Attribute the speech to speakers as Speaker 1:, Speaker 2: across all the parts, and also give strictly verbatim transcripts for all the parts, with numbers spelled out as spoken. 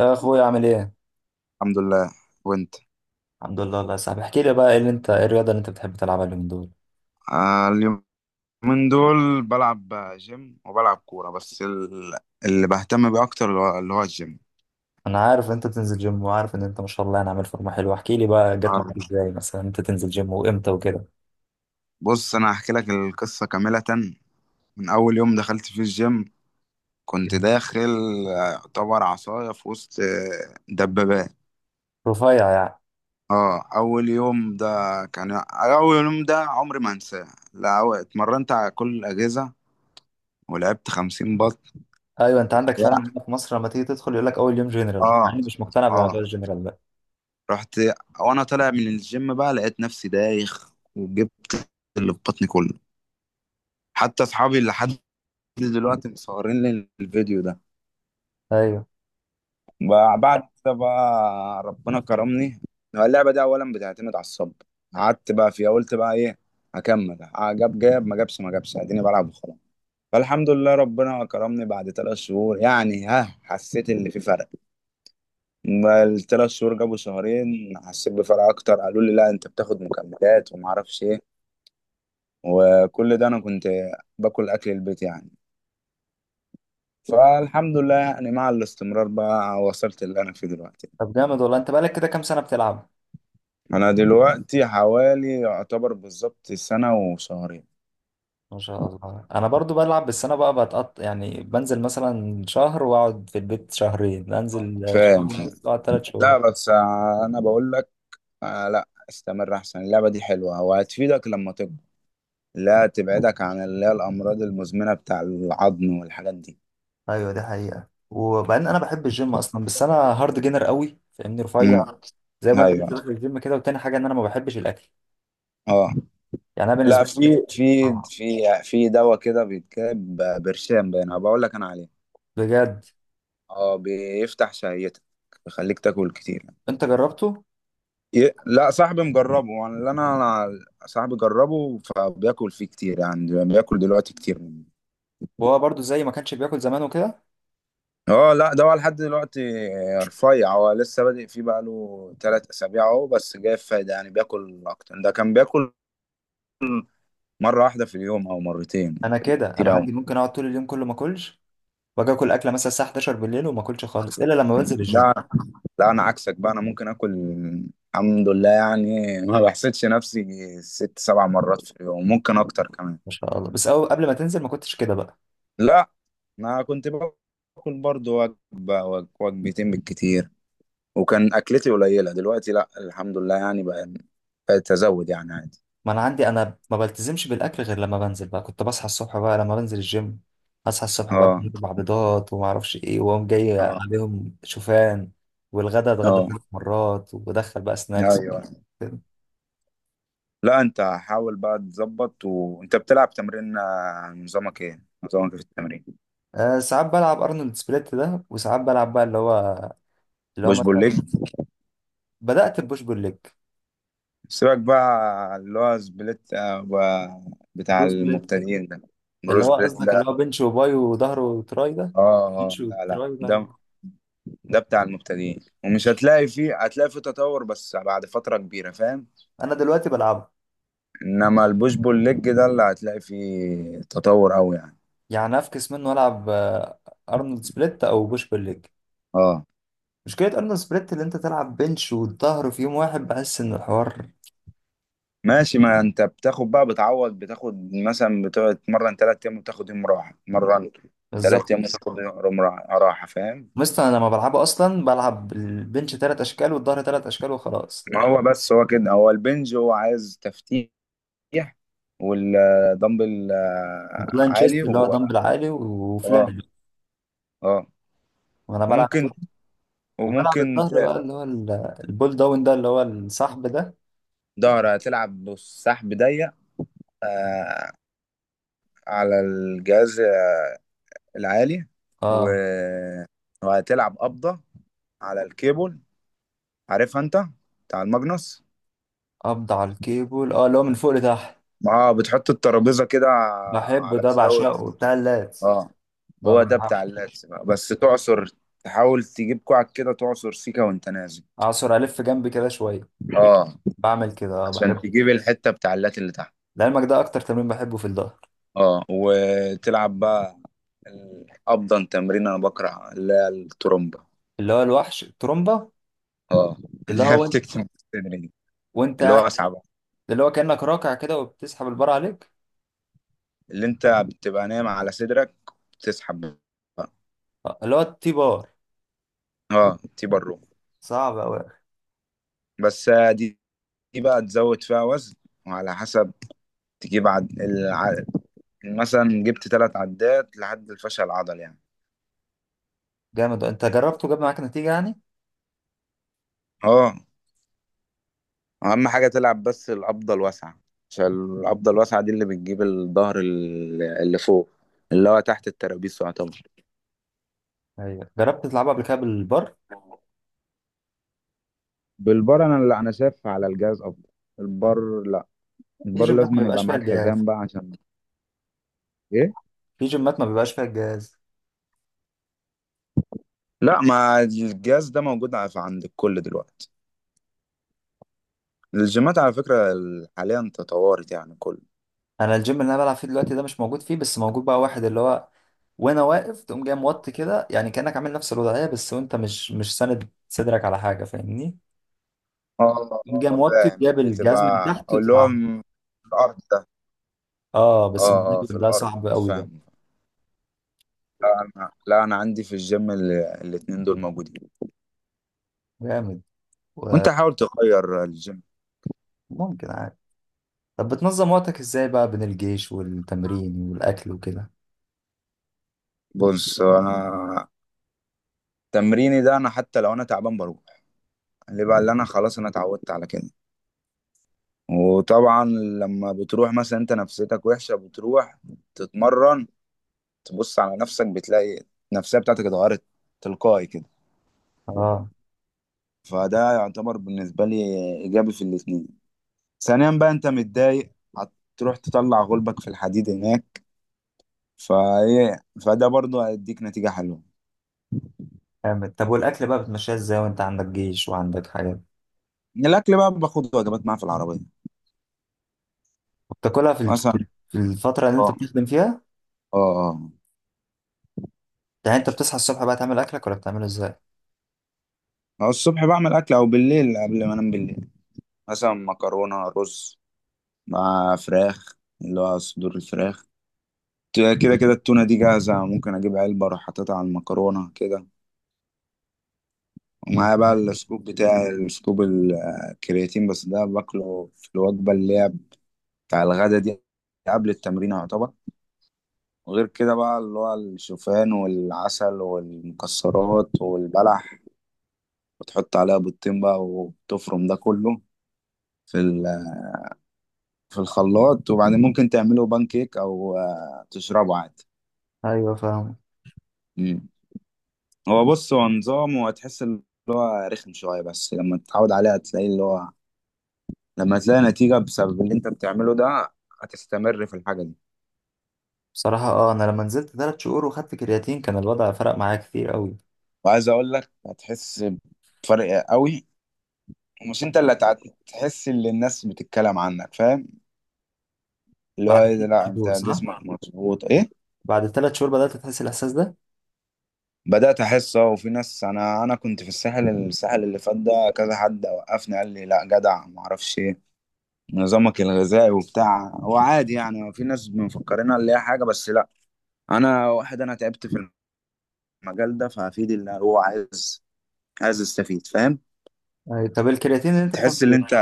Speaker 1: يا اخويا، عامل ايه؟
Speaker 2: الحمد لله. وانت؟
Speaker 1: الحمد لله الله يا صاحبي، احكي لي بقى ايه اللي انت ايه الرياضه اللي انت بتحب تلعبها اليومين دول.
Speaker 2: آه اليومين دول بلعب جيم وبلعب كورة، بس ال- اللي بهتم بيه أكتر اللي هو اللي هو الجيم.
Speaker 1: انا عارف إن انت تنزل جيم، وعارف ان انت ما شاء الله يعني عامل فورمه حلوه. احكي لي بقى جت معاك
Speaker 2: آه،
Speaker 1: ازاي مثلا انت تنزل جيم وامتى وكده.
Speaker 2: بص، أنا هحكي لك القصة كاملة. من أول يوم دخلت فيه الجيم كنت داخل، آه، يعتبر عصاية في وسط آه، دبابات.
Speaker 1: رفيع يعني؟
Speaker 2: اه، أول يوم ده، كان أول يوم ده عمري ما هنساه. لا، أو- اتمرنت على كل الأجهزة، ولعبت خمسين بط.
Speaker 1: ايوه، انت عندك فعلا
Speaker 2: لا.
Speaker 1: هنا في مصر لما تيجي تدخل يقول لك اول يوم جنرال،
Speaker 2: اه.
Speaker 1: يعني مش مقتنع
Speaker 2: اه.
Speaker 1: بموضوع الجنرال ده.
Speaker 2: رحت، وانا طالع من الجيم بقى لقيت نفسي دايخ وجبت اللي في بطني كله، حتى اصحابي لحد دلوقتي مصورين لي الفيديو ده.
Speaker 1: ايوه.
Speaker 2: بقى- بعد كده بقى ربنا كرمني. هو اللعبة دي اولا بتعتمد على الصبر، قعدت بقى فيها قلت بقى ايه، هكمل. آه، جاب جاب ما جابش ما جابش، اديني بلعب وخلاص. فالحمد لله، ربنا كرمني بعد ثلاث شهور يعني، ها، حسيت اللي في فرق. ما الثلاث شهور جابوا شهرين، حسيت بفرق اكتر. قالوا لي لا، انت بتاخد مكملات وما اعرفش ايه، وكل ده انا كنت باكل اكل البيت يعني. فالحمد لله يعني، مع الاستمرار بقى وصلت اللي انا فيه دلوقتي.
Speaker 1: طب جامد والله، انت بقالك كده كام سنه بتلعب؟
Speaker 2: انا دلوقتي حوالي يعتبر بالظبط سنة وشهرين.
Speaker 1: ما شاء الله. انا برضو بلعب، بس انا بقى بتقط، يعني بنزل مثلا شهر واقعد في البيت شهرين، انزل شهر
Speaker 2: فاهم، فاهم.
Speaker 1: ونص واقعد ثلاث شهور.
Speaker 2: لا بس، آه، انا بقول لك، آه لا، استمر احسن، اللعبة دي حلوة وهتفيدك لما تكبر، لا، تبعدك عن اللي هي الامراض المزمنة بتاع العظم والحاجات دي.
Speaker 1: ايوه دي حقيقة. وبعدين انا بحب الجيم اصلا، بس انا هارد جينر قوي، فاهمني، رفيع.
Speaker 2: امم.
Speaker 1: زي ما انت لسه
Speaker 2: ايوه.
Speaker 1: داخل الجيم كده. وتاني حاجة ان انا ما بحبش الاكل.
Speaker 2: اه.
Speaker 1: يعني انا
Speaker 2: لا،
Speaker 1: بالنسبة لي
Speaker 2: في
Speaker 1: الأكل
Speaker 2: في
Speaker 1: حرام.
Speaker 2: في في دواء كده بيتكتب، برشام، باين بقول لك انا عليه.
Speaker 1: بجد؟
Speaker 2: اه، بيفتح شهيتك، بيخليك تاكل كتير يعني.
Speaker 1: انت جربته؟
Speaker 2: ي- لا، صاحبي مجربه. انا اللي انا أنا صاحبي جربه، فبياكل فيه كتير يعني، بياكل دلوقتي كتير منه.
Speaker 1: وهو برضو زي ما كانش بياكل زمان وكده؟
Speaker 2: اه، لا، ده هو لحد دلوقتي رفيع. هو لسه بادئ فيه بقاله تلات اسابيع اهو، بس جايب فايدة يعني، بياكل اكتر. ده كان بياكل مرة واحدة في اليوم او مرتين.
Speaker 1: انا كده، انا
Speaker 2: كتير اوي.
Speaker 1: عندي ممكن اقعد طول اليوم كله ما اكلش، واجي اكل اكله مثلا الساعه حداشر بالليل، وما اكلش خالص الا لما بنزل الجيم.
Speaker 2: لا، لا، انا عكسك بقى. انا ممكن اكل، الحمد لله يعني ما بحسدش نفسي، ست سبع مرات في اليوم، ممكن اكتر كمان.
Speaker 1: ما شاء الله. بس أو قبل ما تنزل ما كنتش كده بقى؟
Speaker 2: لا، انا كنت باكل برضو وجبه وج- وجبتين بالكتير، وكان اكلتي قليله. دلوقتي لا، الحمد لله يعني بقى، بقيت ازود يعني عادي.
Speaker 1: ما انا عندي، انا ما بلتزمش بالاكل غير لما بنزل بقى. كنت بصحى الصبح بقى لما بنزل الجيم، اصحى الصبح بقى كنت
Speaker 2: اه.
Speaker 1: باكل بيضات وما اعرفش ايه، واقوم جاي
Speaker 2: اه.
Speaker 1: عليهم شوفان، والغدا اتغدى
Speaker 2: اه.
Speaker 1: ثلاث مرات، وبدخل بقى سناكس
Speaker 2: ايوه.
Speaker 1: كده.
Speaker 2: لا، انت حاول بقى تظبط وانت بتلعب تمرين. آه، نظامك ايه نظامك إيه في التمرين؟
Speaker 1: أه، ساعات بلعب ارنولد سبليت ده، وساعات بلعب بقى اللي هو اللي هو
Speaker 2: بوش بول
Speaker 1: مثلا.
Speaker 2: ليج.
Speaker 1: بدأت ببوش بول ليج.
Speaker 2: سيبك بقى اللي هو سبليت، آه، و- بتاع
Speaker 1: بروس بليت،
Speaker 2: المبتدئين ده. برو
Speaker 1: اللي هو
Speaker 2: سبليت،
Speaker 1: قصدك اللي
Speaker 2: لا.
Speaker 1: هو بنش وباي وظهر وتراي ده؟
Speaker 2: اه. اه.
Speaker 1: بنش
Speaker 2: لا، لا،
Speaker 1: وتراي ده.
Speaker 2: ده، ده بتاع المبتدئين، ومش هتلاقي فيه، هتلاقي فيه تطور بس بعد فترة كبيرة، فاهم.
Speaker 1: انا دلوقتي بلعبه.
Speaker 2: انما البوش بول ليج ده اللي هتلاقي فيه تطور قوي يعني.
Speaker 1: يعني افكس منه، العب آه، ارنولد سبليت او بوش بول ليج.
Speaker 2: اه.
Speaker 1: مشكلة أرنولد سبريت اللي أنت تلعب بنش والظهر في يوم واحد، بحس إن الحوار.
Speaker 2: ماشي. ما انت بتاخد بقى، بتعوض، بتاخد مثلا بتقعد تتمرن تلات ايام وتاخد يوم راحة مرن. تلات
Speaker 1: بالظبط.
Speaker 2: ايام وتاخد يوم راحة، راحة، فاهم.
Speaker 1: مثلا أنا لما بلعبه أصلا بلعب البنش تلات أشكال والظهر تلات أشكال وخلاص.
Speaker 2: ما هو بس، هو كده هو البنج هو عايز تفتيح، والدمبل آه،
Speaker 1: بلان
Speaker 2: عالي
Speaker 1: تشيست اللي هو
Speaker 2: و...
Speaker 1: دمبل عالي
Speaker 2: اه.
Speaker 1: وفلان.
Speaker 2: اه.
Speaker 1: وأنا بلعب كده.
Speaker 2: وممكن
Speaker 1: وبلعب
Speaker 2: وممكن
Speaker 1: الظهر بقى
Speaker 2: ت-
Speaker 1: اللي هو ال- البول داون ده، اللي هو الصحب ده.
Speaker 2: ظهر، هتلعب بالسحب ضيق، آه، على الجهاز العالي
Speaker 1: أه،
Speaker 2: و- وهتلعب قبضة على الكيبل، عارفها انت، بتاع الماجنوس.
Speaker 1: قبض على الكيبل، أه، اللي هو من فوق لتحت.
Speaker 2: اه، بتحط الترابيزة كده
Speaker 1: بحبه
Speaker 2: على
Speaker 1: ده،
Speaker 2: الزاوية.
Speaker 1: بعشقه، بتاع اللات.
Speaker 2: اه، هو ده
Speaker 1: ببقى
Speaker 2: بتاع اللاتس بقى، بس تعصر، تحاول تجيب كوعك كده، تعصر سيكا وانت نازل.
Speaker 1: أعصر ألف جنبي كده شوية.
Speaker 2: اه،
Speaker 1: بعمل كده، أه
Speaker 2: عشان
Speaker 1: بحبه.
Speaker 2: تجيب الحتة بتاع اللات اللي تحت.
Speaker 1: لعلمك ده أكتر تمرين بحبه في الظهر.
Speaker 2: اه، وتلعب بقى ال- افضل تمرين. انا بكره اللي هي الترومبه.
Speaker 1: اللي هو الوحش، الترومبا.
Speaker 2: اه
Speaker 1: اللي
Speaker 2: اللي هي
Speaker 1: هو وانت
Speaker 2: بتكتم الصدر دي.
Speaker 1: وانت
Speaker 2: اللي هو
Speaker 1: قاعد-
Speaker 2: اصعب،
Speaker 1: اللي هو كأنك راكع كده وبتسحب البار عليك.
Speaker 2: اللي انت بتبقى نايم على صدرك، بتسحب بقى.
Speaker 1: آه، اللي هو التي بار.
Speaker 2: اه، تيبر رو.
Speaker 1: صعب أوي.
Speaker 2: بس آه، دي دي بقى تزود فيها وزن وعلى حسب، تجيب عد... الع... مثلا جبت ثلاث عدات لحد الفشل العضلي يعني.
Speaker 1: جامد، انت جربته جاب معاك نتيجة يعني؟
Speaker 2: اه، اهم حاجة تلعب بس القبضة الواسعة، عشان القبضة الواسعة دي اللي بتجيب الظهر، ال- اللي فوق، اللي هو تحت الترابيس يعتبر.
Speaker 1: ايوه، جربت تلعبها قبل كده بالبار؟
Speaker 2: بالبار؟ انا اللي انا شايف على الجهاز افضل. البار لا،
Speaker 1: في
Speaker 2: البار
Speaker 1: جيمات ما
Speaker 2: لازم
Speaker 1: بيبقاش
Speaker 2: يبقى
Speaker 1: فيها
Speaker 2: معاك
Speaker 1: الجهاز.
Speaker 2: حزام بقى، عشان ايه.
Speaker 1: في جيمات ما بيبقاش فيها الجهاز
Speaker 2: لا، ما الجهاز ده موجود ع- عند الكل دلوقتي. الجيمات على فكرة ال- حاليا تطورت يعني كل.
Speaker 1: انا الجيم اللي انا بلعب فيه دلوقتي ده مش موجود فيه، بس موجود بقى واحد اللي هو وانا واقف تقوم جاي موطي كده، يعني كأنك عامل نفس الوضعية، بس وانت مش مش ساند صدرك على حاجة، فاهمني؟
Speaker 2: اه.
Speaker 1: تقوم جاي
Speaker 2: اه.
Speaker 1: موطي
Speaker 2: فاهم،
Speaker 1: جايب الجهاز من
Speaker 2: بتبقى
Speaker 1: تحت
Speaker 2: اللي هو
Speaker 1: وتلعب.
Speaker 2: م- في الأرض ده.
Speaker 1: اه، بس
Speaker 2: اه.
Speaker 1: الموضوع
Speaker 2: اه. في
Speaker 1: ده
Speaker 2: الأرض،
Speaker 1: صعب قوي ده.
Speaker 2: فاهم. لا أنا، لا أنا عندي في الجيم ال- الاتنين دول موجودين.
Speaker 1: جامد.
Speaker 2: وأنت حاول تغير الجيم.
Speaker 1: وممكن عادي. طب بتنظم وقتك ازاي بقى بين الجيش والتمرين والاكل وكده؟
Speaker 2: بص، أنا تمريني ده أنا حتى لو أنا تعبان بروح، اللي بقى اللي أنا خلاص أنا اتعودت على كده. وطبعا لما بتروح مثلا، أنت نفسيتك وحشة، بتروح تتمرن، تبص على نفسك، بتلاقي النفسية بتاعتك اتغيرت تلقائي كده.
Speaker 1: اه.
Speaker 2: فده يعتبر بالنسبة لي إيجابي في الاتنين. ثانيا بقى، أنت متضايق، هتروح تطلع غلبك في الحديد هناك، فإيه، فده برضه هيديك نتيجة حلوة.
Speaker 1: جامد. طب والاكل بقى بتمشيها ازاي وانت عندك جيش وعندك حاجات،
Speaker 2: الأكل بقى، باخد وجبات معايا في العربية
Speaker 1: وبتاكلها في الج-
Speaker 2: مثلا.
Speaker 1: في الفتره اللي انت
Speaker 2: اه.
Speaker 1: بتخدم فيها؟
Speaker 2: اه.
Speaker 1: يعني انت بتصحى الصبح بقى تعمل اكلك، ولا بتعمله ازاي؟
Speaker 2: أو الصبح بعمل أكل أو بالليل قبل ما أنام. بالليل مثلا مكرونة، رز، مع فراخ اللي هو صدور الفراخ. كده كده التونة دي جاهزة، ممكن أجيب علبة أروح حاططها على المكرونة كده. ومعايا بقى السكوب، بتاع السكوب الكرياتين، بس ده باكله في الوجبة اللي هي بتاع الغدا دي، قبل التمرين يعتبر. وغير كده بقى اللي هو الشوفان والعسل والمكسرات والبلح، وتحط عليها بيضتين بقى وتفرم ده كله في ال- في الخلاط، وبعدين ممكن تعمله بان كيك او آه، تشربه عادي.
Speaker 1: ايوه فاهم.
Speaker 2: مم. هو بص، هو نظام، وهتحس ان هو رخم شويه، بس لما تتعود عليه هتلاقي اللي هو، لما تلاقي نتيجه بسبب اللي انت بتعمله ده، هتستمر في الحاجه دي.
Speaker 1: بصراحه، اه انا لما نزلت ثلاث شهور وخدت كرياتين كان الوضع فرق معايا كتير قوي.
Speaker 2: وعايز اقول لك، هتحس بفرق قوي، ومش انت اللي هتع- هتحس اللي الناس بتتكلم عنك، فاهم، اللي
Speaker 1: بعد
Speaker 2: هو ايه ده،
Speaker 1: ثلاث
Speaker 2: لا انت
Speaker 1: شهور صح؟
Speaker 2: جسمك مظبوط، ايه.
Speaker 1: بعد ثلاث شهور بدات تحس الاحساس ده.
Speaker 2: بدأت احس، اه. وفي ناس، انا انا كنت في الساحل الساحل اللي فات ده، كذا حد وقفني قال لي لا جدع، ما اعرفش ايه نظامك الغذائي وبتاع، هو عادي يعني. في ناس مفكرينها اللي هي حاجه، بس لا، انا واحد انا تعبت في المجال ده، فهفيد اللي هو عايز عايز استفيد، فاهم.
Speaker 1: ايوه. طب الكرياتين اللي انت بتاخده
Speaker 2: تحس ان
Speaker 1: ايه؟
Speaker 2: انت،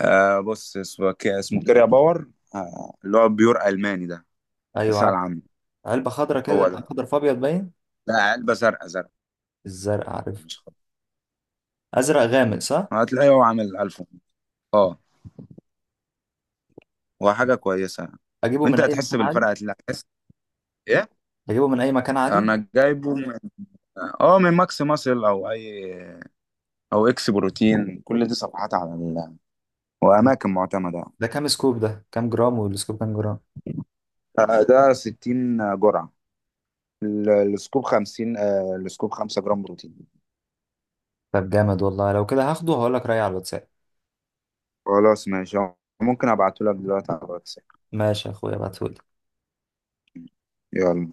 Speaker 2: آه بص، اسمه ك- اسمه كيريا باور. آه اللي هو بيور ألماني ده.
Speaker 1: ايوه
Speaker 2: اسأل
Speaker 1: عارف.
Speaker 2: عنه.
Speaker 1: علبه خضرا
Speaker 2: هو
Speaker 1: كده،
Speaker 2: ده.
Speaker 1: خضرا في ابيض باين؟
Speaker 2: لا، علبة زرقاء، زرقاء
Speaker 1: الزرق عارف.
Speaker 2: مش خط.
Speaker 1: ازرق غامق صح؟
Speaker 2: هتلاقيه هو عامل ألف. اه، هو حاجة كويسة.
Speaker 1: اجيبه
Speaker 2: وانت
Speaker 1: من اي
Speaker 2: هتحس
Speaker 1: مكان عادي؟
Speaker 2: بالفرق، هتلاقي، هتحس، ايه.
Speaker 1: اجيبه من اي مكان عادي؟
Speaker 2: انا جايبه من، اه، من ماكس ماسل او اي او اكس بروتين، كل دي صفحات على ال...
Speaker 1: مم.
Speaker 2: واماكن معتمدة.
Speaker 1: ده كام سكوب، ده كام جرام، والسكوب كام جرام؟
Speaker 2: آه، ده ستين جرعة، ال- السكوب خمسين، آه، السكوب خمسة جرام بروتين.
Speaker 1: طب جامد والله، لو كده هاخده وهقول لك رأيي على الواتساب.
Speaker 2: خلاص ماشي، ممكن ابعته لك دلوقتي على الواتس.
Speaker 1: ماشي يا اخويا، ابعتهولي.
Speaker 2: يلا.